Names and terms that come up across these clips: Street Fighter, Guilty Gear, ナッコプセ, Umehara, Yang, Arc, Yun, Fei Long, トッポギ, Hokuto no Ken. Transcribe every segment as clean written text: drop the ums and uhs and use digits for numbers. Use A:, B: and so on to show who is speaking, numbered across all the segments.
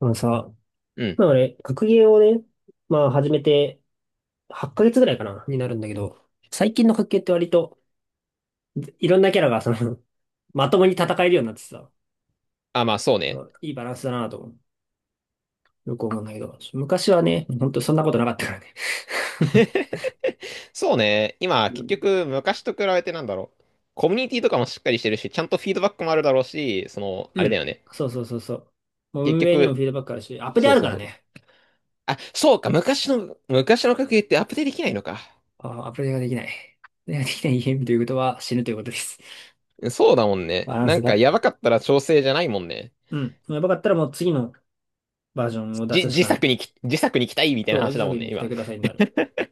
A: あのさ、
B: うん。
A: まあ俺、学芸をね、まあ始めて8ヶ月ぐらいかな、になるんだけど、最近の学芸って割といろんなキャラがまともに戦えるようになってさ、
B: あ、まあそうね。
A: いいバランスだなと思う。よく思うんだけど、昔はね、ほんとそんなことなかったからね。
B: そうね。今、
A: う
B: 結
A: ん。
B: 局、昔と比べてなんだろう。コミュニティとかもしっかりしてるし、ちゃんとフィードバックもあるだろうし、その、あ
A: う
B: れだよ
A: ん、
B: ね。
A: そうそうそうそう。もう
B: 結
A: 運営にもフ
B: 局、
A: ィードバックあるし、アップデー
B: そ
A: あ
B: う
A: る
B: そ
A: か
B: う
A: ら
B: そう。
A: ね。
B: あ、そうか、昔の格ゲーってアップデートできないのか。
A: あ、アップデーができない。アップデーができないゲームということは死ぬということです。
B: そうだもんね。
A: バラン
B: な
A: ス
B: んか、
A: が。
B: やばかったら調整じゃないもんね。
A: うん。やばかったらもう次のバージョンを出
B: じ、
A: すし
B: 自
A: かな
B: 作
A: い。
B: にき、自作に期待みたいな
A: そう、お
B: 話
A: じ
B: だ
A: さく
B: もん
A: に
B: ね、
A: ご期待
B: 今。
A: くださいになる。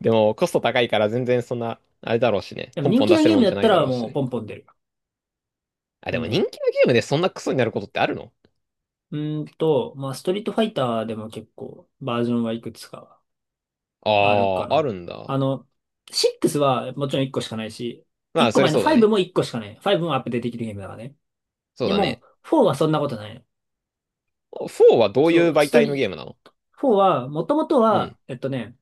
B: でも、コスト高いから全然そんな、あれだろうしね。
A: でも
B: ポン
A: 人
B: ポン
A: 気
B: 出
A: な
B: せ
A: ゲ
B: る
A: ー
B: も
A: ム
B: ん
A: だ
B: じゃ
A: っ
B: な
A: た
B: いだ
A: ら
B: ろう
A: もう
B: し。
A: ポンポン出る。
B: あ、
A: な
B: で
A: ん
B: も
A: だろ
B: 人気
A: う。
B: のゲームでそんなクソになることってあるの？
A: まあ、ストリートファイターでも結構バージョンはいくつか
B: あ
A: あるか
B: あー、あ
A: な。
B: るんだ。
A: あの、6はもちろん1個しかないし、
B: ま
A: 1
B: あ、そ
A: 個
B: れ
A: 前の
B: そうだ
A: 5
B: ね。
A: も1個しかない。5もアップデートできるゲームだからね。
B: そう
A: で
B: だ
A: も、
B: ね。
A: 4はそんなことないの。
B: 4はどうい
A: そ
B: う
A: う、ス
B: 媒
A: ト
B: 体のゲー
A: リ、
B: ムなの？
A: 4は、もともと
B: うん。
A: は、えっとね、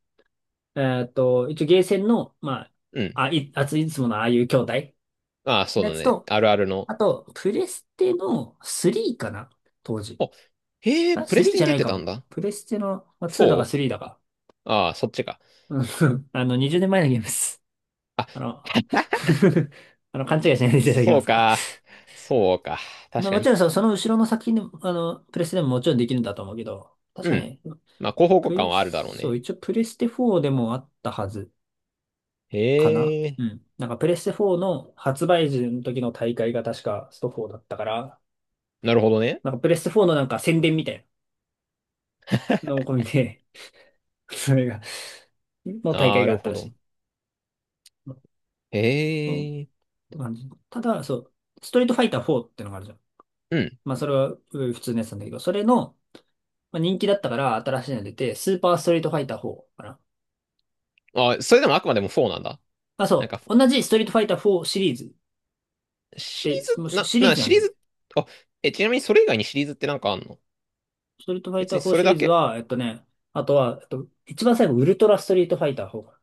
A: えっと、一応ゲーセンの、ま
B: う
A: あ、
B: ん。
A: いつものああいう兄弟の
B: ああ、そう
A: や
B: だ
A: つ
B: ね。
A: と、
B: あるあるの。
A: あと、プレステの3かな、当時。
B: お、へえ、
A: あ、
B: プレス
A: 3
B: テ
A: じ
B: に
A: ゃな
B: 出
A: い
B: て
A: か
B: たん
A: も。
B: だ。
A: プレステの、まあ、2だか
B: 4？
A: 3だか。
B: ああ、そっちか。
A: うん。 20年前のゲームです。
B: あ、
A: あの、勘違いしないでいただき
B: そ
A: ま
B: う
A: すか？
B: か。そうか。
A: まあ、
B: 確か
A: もちろん
B: に。
A: その後ろの作品でも、プレステでももちろんできるんだと思うけど、確
B: う
A: か
B: ん。
A: ね、
B: まあ、広報互
A: プ
B: 換
A: レ
B: はあるだろう
A: ス、そう、
B: ね。
A: 一応プレステ4でもあったはずかな。
B: へえ。
A: うん。なんかプレステ4の発売時の時の大会が確かスト4だったから、
B: なるほどね。
A: なんかプレステ4のなんか宣伝みたいなのを込みで、それが、の大会
B: な
A: があ
B: る
A: った
B: ほ
A: らし
B: ど。
A: い。
B: へえ。
A: って感じ。ただ、そう、ストリートファイター4ってのがあるじゃん。
B: うん。
A: まあ、それはうん普通のやつなんだけど、それの、まあ、人気だったから新しいの出て、スーパーストリートファイター4かな。
B: あ、それでもあくまでも4なんだ。
A: あ、
B: なん
A: そ
B: か、
A: う、同じストリートファイター4シリーズっ
B: シリ
A: て、
B: ー
A: もう
B: ズ、
A: シ
B: な、
A: シリー
B: な、
A: ズな
B: シ
A: ん
B: リ
A: だ
B: ー
A: よね。
B: ズ、あ、え、ちなみにそれ以外にシリーズってなんかあんの？
A: ストリートファイ
B: 別
A: タ
B: に
A: ー4
B: それ
A: シ
B: だ
A: リーズ
B: け？
A: は、あとは、一番最後、ウルトラストリートファイター4か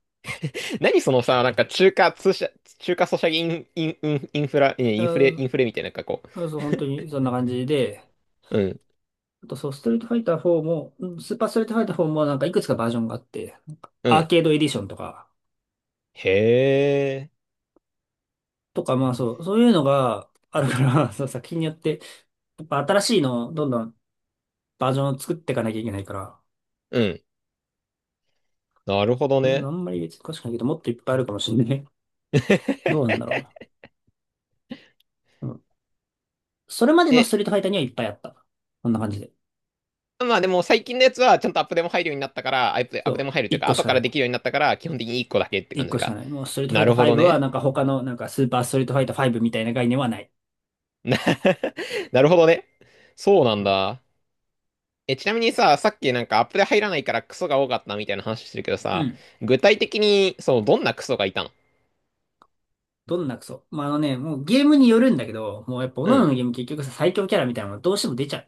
B: 何そのさ、なんか中華通社、中華ソシャゲイン、インインフラ、いや
A: な。
B: インフ
A: う
B: レ、
A: ん、
B: みたいな、なんかこ
A: そう、そう本当にそんな感じで、
B: う。うん、
A: あとそう、ストリートファイター4も、うんスーパーストリートファイター4もなんかいくつかバージョンがあって、
B: う
A: ア
B: ん。
A: ーケードエディションとか、
B: へえ、
A: とか、まあそう、そういうのがあるから、そう、作品によって、やっぱ新しいのをどんどんバージョンを作っていかなきゃいけないから、
B: うん。なるほど
A: うん、あ
B: ね。
A: んまり別に詳しくないけど、もっといっぱいあるかもしれない。どうなんだろう。うん、それまでのス
B: え、
A: トリートファイターにはいっぱいあった。こんな感じで。
B: まあでも最近のやつはちゃんとアップデも入るようになったから、アップ、アッ
A: そ
B: プデ
A: う、
B: も入るという
A: 一
B: か、
A: 個し
B: 後
A: か
B: か
A: な
B: らで
A: い。
B: きるようになったから、基本的に1個だけって
A: 一
B: 感じ
A: 個しか
B: か。
A: ない。もうストリートファ
B: な
A: イタ
B: る
A: ー
B: ほど
A: 5は
B: ね。
A: なんか他のなんかスーパーストリートファイター5みたいな概念はない。
B: な なるほどね。そうなんだ。え、ちなみにさ、さっきなんかアップデ入らないからクソが多かったみたいな話してるけど
A: う
B: さ、
A: ん。
B: 具体的に、そう、どんなクソがいたの？
A: どんなクソ。まあ、もうゲームによるんだけど、もうやっぱ各
B: う
A: 々
B: ん。
A: のゲーム結局さ、最強キャラみたいなのがどうしても出ちゃ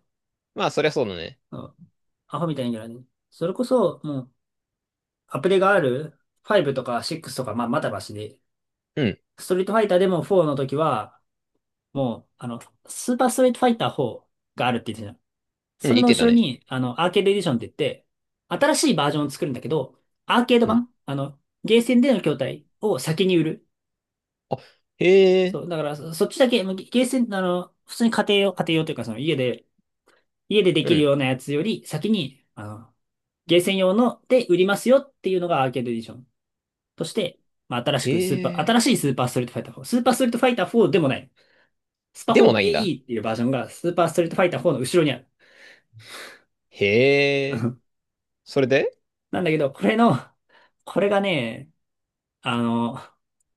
B: まあ、そりゃそうだね。
A: う。うん。アホみたいなキャラね。それこそ、もう、アプリがある5とか6とか、まあ、まだましで、
B: うん
A: ストリートファイターでも4の時は、もう、スーパーストリートファイター4があるって言ってたじゃん。
B: う
A: そ
B: ん、
A: れ
B: い
A: の
B: け
A: 後
B: た
A: ろ
B: ね。
A: に、アーケードエディションって言って、新しいバージョンを作るんだけど、アーケード
B: うん。
A: 版、ゲーセンでの筐体を先に売る。
B: あ、へえ、
A: そう、だからそっちだけ、もうゲゲーセン、普通に家庭用、家庭用というか、その家で、家ででき
B: う
A: る
B: ん。
A: ようなやつより先に、ゲーセン用ので売りますよっていうのがアーケードエディション、として、まあ、
B: へ
A: 新し
B: え。
A: いスーパーストリートファイター4。スーパーストリートファイター4でもない。スパ
B: でもないんだ。
A: 4AE っていうバージョンがスーパーストリートファイター4の後ろにある。
B: へえ。それで
A: なんだけど、これがね、あの、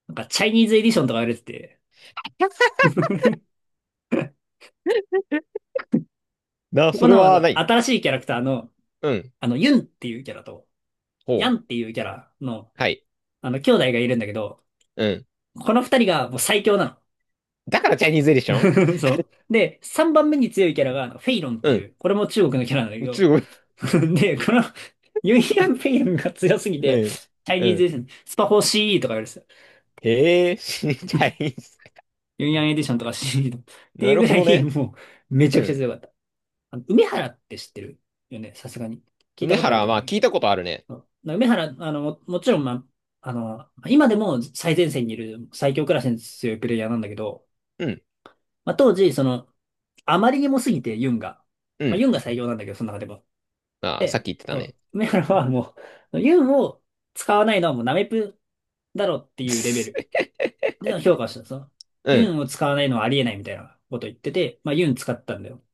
A: なんかチャイニーズエディションとか言われてて、こ
B: そ
A: こ
B: れ
A: の
B: はない。
A: 新しいキャラクターの、
B: うん。
A: ユンっていうキャラと、ヤ
B: ほ
A: ンっ
B: う。
A: ていうキャラの、
B: はい。
A: 兄弟がいるんだけど、
B: うん。
A: この二人がもう最強な
B: だからチャイニーズエディシ
A: の。
B: ョン。
A: そう。で、三番目に強いキャラが、フェイロンって
B: う
A: い
B: ん。
A: う、これも中国のキャラなんだけど、
B: 中国。
A: で、このユンヤ ンペイヤンが強すぎ
B: う
A: て、
B: ん。
A: チャイ
B: う
A: ニーズ
B: ん。
A: エディション、スパフォーしーイーとか言われてた。
B: へえ、チャイニーズ
A: ユンヤンエディションとか CD とか、ってい
B: な
A: う
B: る
A: ぐ
B: ほ
A: ら
B: ど
A: い、
B: ね。
A: もう、めちゃ
B: う
A: くちゃ
B: ん。
A: 強かった。あの梅原って知ってるよね、さすがに。聞いた
B: 梅
A: ことある
B: 原は
A: と思
B: ま
A: う
B: あ
A: ね。
B: 聞いたことあるね。
A: そうな梅原、もちろん、まあ、今でも最前線にいる最強クラスに強いプレイヤーなんだけど、
B: うん。
A: まあ、当時、あまりにもすぎて、ユンが。
B: う
A: まあ、
B: ん。
A: ユンが最強なんだけど、その中でも。
B: ああ、さっ
A: で、
B: き言ってた
A: そう
B: ね。
A: 梅原はもう、ユンを使わないのはもうナメプだろっていうレベル で評価をしたんですよ。
B: う
A: ユ
B: ん。
A: ンを使わないのはありえないみたいなこと言ってて、まあユン使ったんだよ、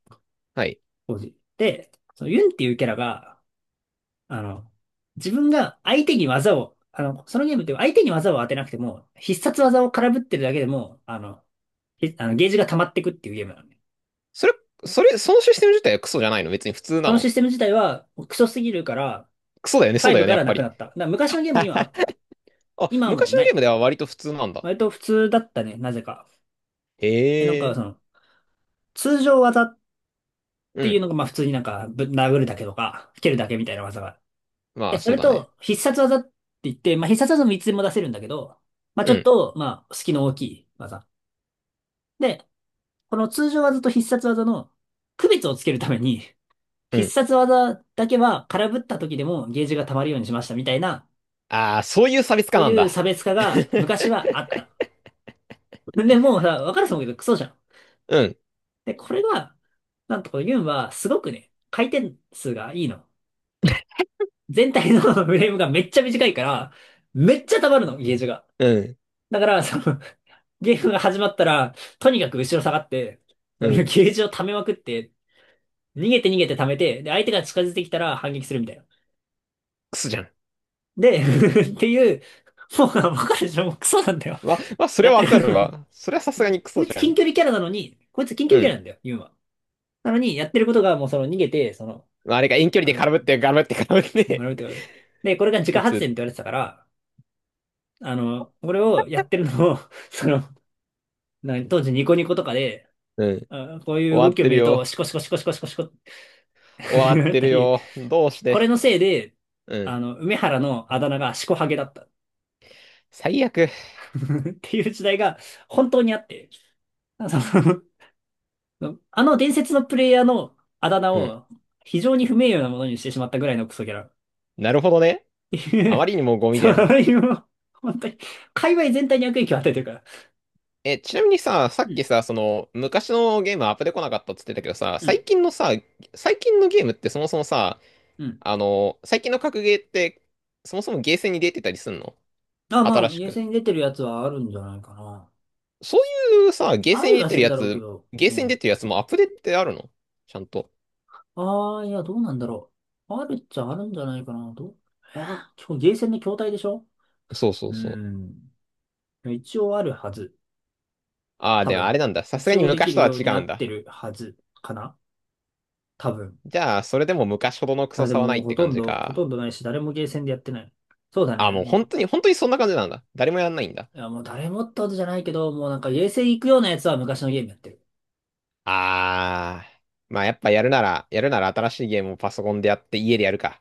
B: はい。
A: 当時。で、そのユンっていうキャラが、あの、自分が相手に技を、そのゲームって相手に技を当てなくても、必殺技を空振ってるだけでも、あの、ひあのゲージが溜まってくっていうゲームなんで。
B: それ、そのシステム自体はクソじゃないの？別に普通
A: そ
B: な
A: のシ
B: の。
A: ステム自体はクソすぎるから、
B: クソだよね、そうだ
A: 5
B: よね、
A: か
B: やっ
A: ら
B: ぱ
A: なくな
B: り。
A: った。だから昔のゲームにはあっ た。
B: あ、
A: 今はも
B: 昔
A: う
B: の
A: な
B: ゲーム
A: い。
B: では割と普通なんだ。
A: 割と普通だったね、なぜか。
B: へ
A: なんか
B: え。
A: 通常技っ
B: う
A: ていう
B: ん。
A: のが、まあ普通になんか、殴るだけとか、蹴るだけみたいな技が。
B: まあ、
A: そ
B: そう
A: れ
B: だね。
A: と、必殺技って言って、まあ必殺技もいつでも出せるんだけど、まあち
B: う
A: ょっ
B: ん。
A: と、まあ、隙の大きい技。で、この通常技と必殺技の区別をつけるために、
B: う
A: 必
B: ん。
A: 殺技だけは空振った時でもゲージが溜まるようにしましたみたいな、
B: ああ、そういう差別化
A: そう
B: なん
A: いう
B: だ。
A: 差別化が 昔はあった。でもうさ、わかると思うけど、クソじゃん。
B: うん。
A: で、これが、なんとこのユンは、すごくね、回転数がいいの。全体の フレームがめっちゃ短いから、めっちゃ溜まるの、ゲージが。
B: うん。
A: だから、ゲームが始まったら、とにかく後ろ下がって、そ
B: う
A: のゲ
B: ん。
A: ージを溜めまくって、逃げて逃げて溜めて、で、相手が近づいてきたら反撃するみたいな。
B: クソじゃん。
A: で、っていう、もう、わかるでしょ、もうクソなんだよ。
B: まあ、それ
A: やっ
B: は
A: て
B: わかる
A: る。
B: わ。それはさすが にク
A: こ
B: ソ
A: い
B: じ
A: つ
B: ゃ
A: 近
B: ん。
A: 距離キャラなのに、こいつ近距
B: う
A: 離キャラ
B: ん。
A: なんだよ、ユンは。なのに、やってることがもうその逃げて、
B: まあ、あれが遠距離
A: あ
B: で
A: の
B: 絡むって、絡むって、絡むっ
A: 学
B: て、
A: ぶとで、これが 自家
B: 打
A: 発電っ
B: つ。
A: て言われてたから、これをやってるのを その、当時ニコニコとかで、
B: うん。
A: あこうい
B: 終
A: う
B: わ
A: 動
B: っ
A: きを
B: て
A: 見
B: る
A: る
B: よ。
A: と、シコシコシコシコシコシコって
B: 終わ っ
A: なっ
B: て
A: た
B: る
A: り、
B: よ。どうし
A: これの
B: て。
A: せいで、
B: うん。
A: 梅原のあだ名がシコハゲだった っ
B: 最悪。
A: ていう時代が本当にあって、そのあの伝説のプレイヤーのあだ名
B: うん。
A: を非常に不名誉なものにしてしまったぐらいのクソギャラっ
B: なるほどね。
A: てい
B: あま
A: う、
B: りにもゴ ミじ
A: そ
B: ゃん。
A: れい本当に、界隈全体に悪影響を与えてるから。
B: え、ちなみにさ、さ
A: う
B: っき
A: ん
B: さ、その、昔のゲームアップで来なかったっつってたけどさ、
A: う
B: 最
A: ん
B: 近のさ、最近のゲームってそもそもさ、
A: うん。
B: あの、最近の格ゲーって、そもそもゲーセンに出てたりすんの？
A: あ、ま
B: 新
A: あ、
B: し
A: 厳
B: く。
A: 選に出てるやつはあるんじゃないかな。
B: そういうさ、ゲー
A: あ
B: セン
A: り
B: に出
A: は
B: て
A: す
B: る
A: る
B: や
A: だろうけ
B: つ、
A: ど。
B: ゲー
A: う
B: センに出
A: ん。
B: てるやつもアップデートってあるの？ちゃんと。
A: ああ、いや、どうなんだろう。あるっちゃあるんじゃないかな。どうえー、今日ゲーセンの筐体でしょ？
B: そうそう
A: う
B: そう。
A: ん。一応あるはず。
B: ああ、
A: 多
B: でもあれ
A: 分。
B: なんだ。さす
A: 一
B: がに
A: 応でき
B: 昔
A: る
B: とは
A: よう
B: 違
A: にな
B: うん
A: っ
B: だ。
A: てるはずかな、多分。
B: じゃあ、それでも昔ほどのク
A: た
B: ソ
A: だで
B: さはない
A: も、
B: って感じ
A: ほ
B: か。
A: とんどないし、誰もゲーセンでやってない。そうだ
B: ああ、
A: ね。
B: もう本
A: も
B: 当に、本当にそんな感じなんだ。誰もやんないんだ。
A: う、いや、もう誰もってことじゃないけど、もうなんかゲーセン行くようなやつは昔のゲームやってる。
B: あー。まあやっぱやるなら、やるなら新しいゲームをパソコンでやって家でやるか。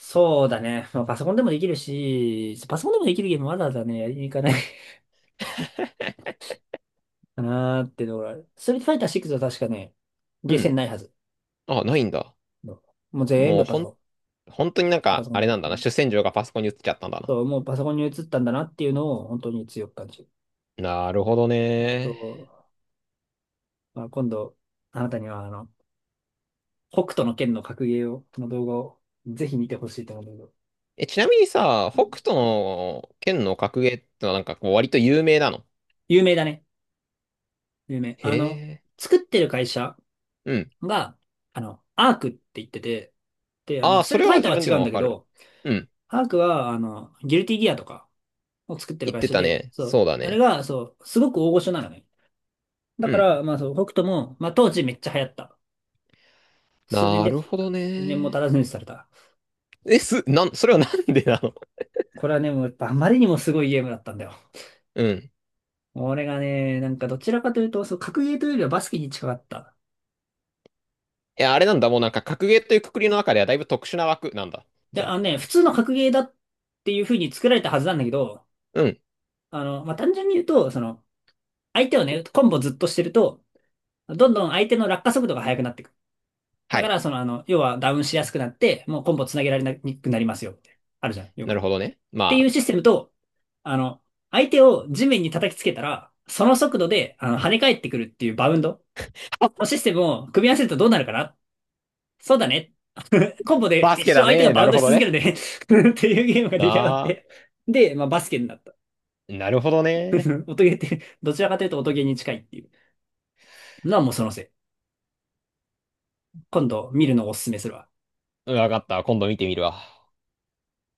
A: そうだね。まあ、パソコンでもできるし、パソコンでもできるゲームわざわざね、やりに行かない かなーってところある。ストリートファイター6は確かね、
B: う
A: ゲーセン
B: ん。
A: ないはず。
B: あ、ないんだ。
A: もう全
B: もう
A: 部パ
B: ほ
A: ソ
B: ん、
A: コ
B: 本当になん
A: ン。パ
B: か、
A: ソコン
B: あれな
A: と。
B: んだ
A: う
B: な。
A: ん、
B: 主戦場がパソコンに移っちゃったんだな。
A: そう、もうパソコンに移ったんだなっていうのを本当に強く感じる。
B: なるほど
A: あ
B: ね。
A: と、まあ、今度、あなたには北斗の拳の格ゲーを、の動画をぜひ見てほしいと思うんだけど。
B: え、ちなみにさ、
A: う
B: 北
A: ん、
B: 斗の剣の格ゲーってのはなんかこう割と有名なの。
A: 有名だね。有名。
B: へえ。
A: 作ってる会社
B: うん。
A: が、アークって言ってて、で、
B: ああ、
A: スト
B: そ
A: リー
B: れ
A: トファ
B: は
A: イター
B: 自
A: は
B: 分で
A: 違う
B: も
A: ん
B: わ
A: だけ
B: かる。
A: ど、
B: うん。
A: アークは、ギルティギアとかを作ってる
B: 言っ
A: 会
B: て
A: 社
B: た
A: で、
B: ね。
A: そ
B: そ
A: う。
B: うだ
A: あれ
B: ね。
A: が、そう、すごく大御所なのね。だ
B: う
A: か
B: ん。
A: ら、まあそう、北斗も、まあ当時めっちゃ流行った。数年
B: な
A: で
B: る
A: 廃れ
B: ほ
A: た。
B: ど
A: 数年も
B: ね。
A: 経たずにされた。
B: え、す、なん、それはなんでなの？
A: これはね、もうやっぱあまりにもすごいゲームだったんだよ。
B: うん。
A: 俺がね、なんかどちらかというと、そう、格ゲーというよりはバスケに近かった。
B: いや、あれなんだ、もうなんか格ゲーという括りの中ではだいぶ特殊な枠なんだ。
A: い
B: じ
A: や
B: ゃ
A: あ
B: あ、
A: のね、普通の格ゲーだっていう風に作られたはずなんだけど、
B: うん、
A: まあ単純に言うと、相手をね、コンボずっとしてると、どんどん相手の落下速度が速くなってくる。だ
B: は
A: か
B: い。
A: ら、要はダウンしやすくなって、もうコンボつなげられにくくなりますよって。あるじゃん、よく
B: な
A: あ
B: る
A: る。
B: ほど
A: っ
B: ね。
A: てい
B: ま
A: うシステムと、あの、相手を地面に叩きつけたら、その速度で、跳ね返ってくるっていうバウンド
B: あ、
A: の
B: あ
A: システムを組み合わせるとどうなるかな？そうだね。コンボで
B: バス
A: 一
B: ケ
A: 生
B: だ
A: 相手が
B: ね。な
A: バウン
B: る
A: ド
B: ほ
A: し
B: ど
A: 続ける
B: ね。
A: ね。 っていうゲームが出来上がっ
B: だ、
A: て。で、まあ、バスケになった。
B: なるほどね。
A: 音ゲーって、どちらかというと音ゲーに近いっていうのはもうそのせい。今度見るのをおすすめするわ。
B: うん、わかった。今度見てみるわ。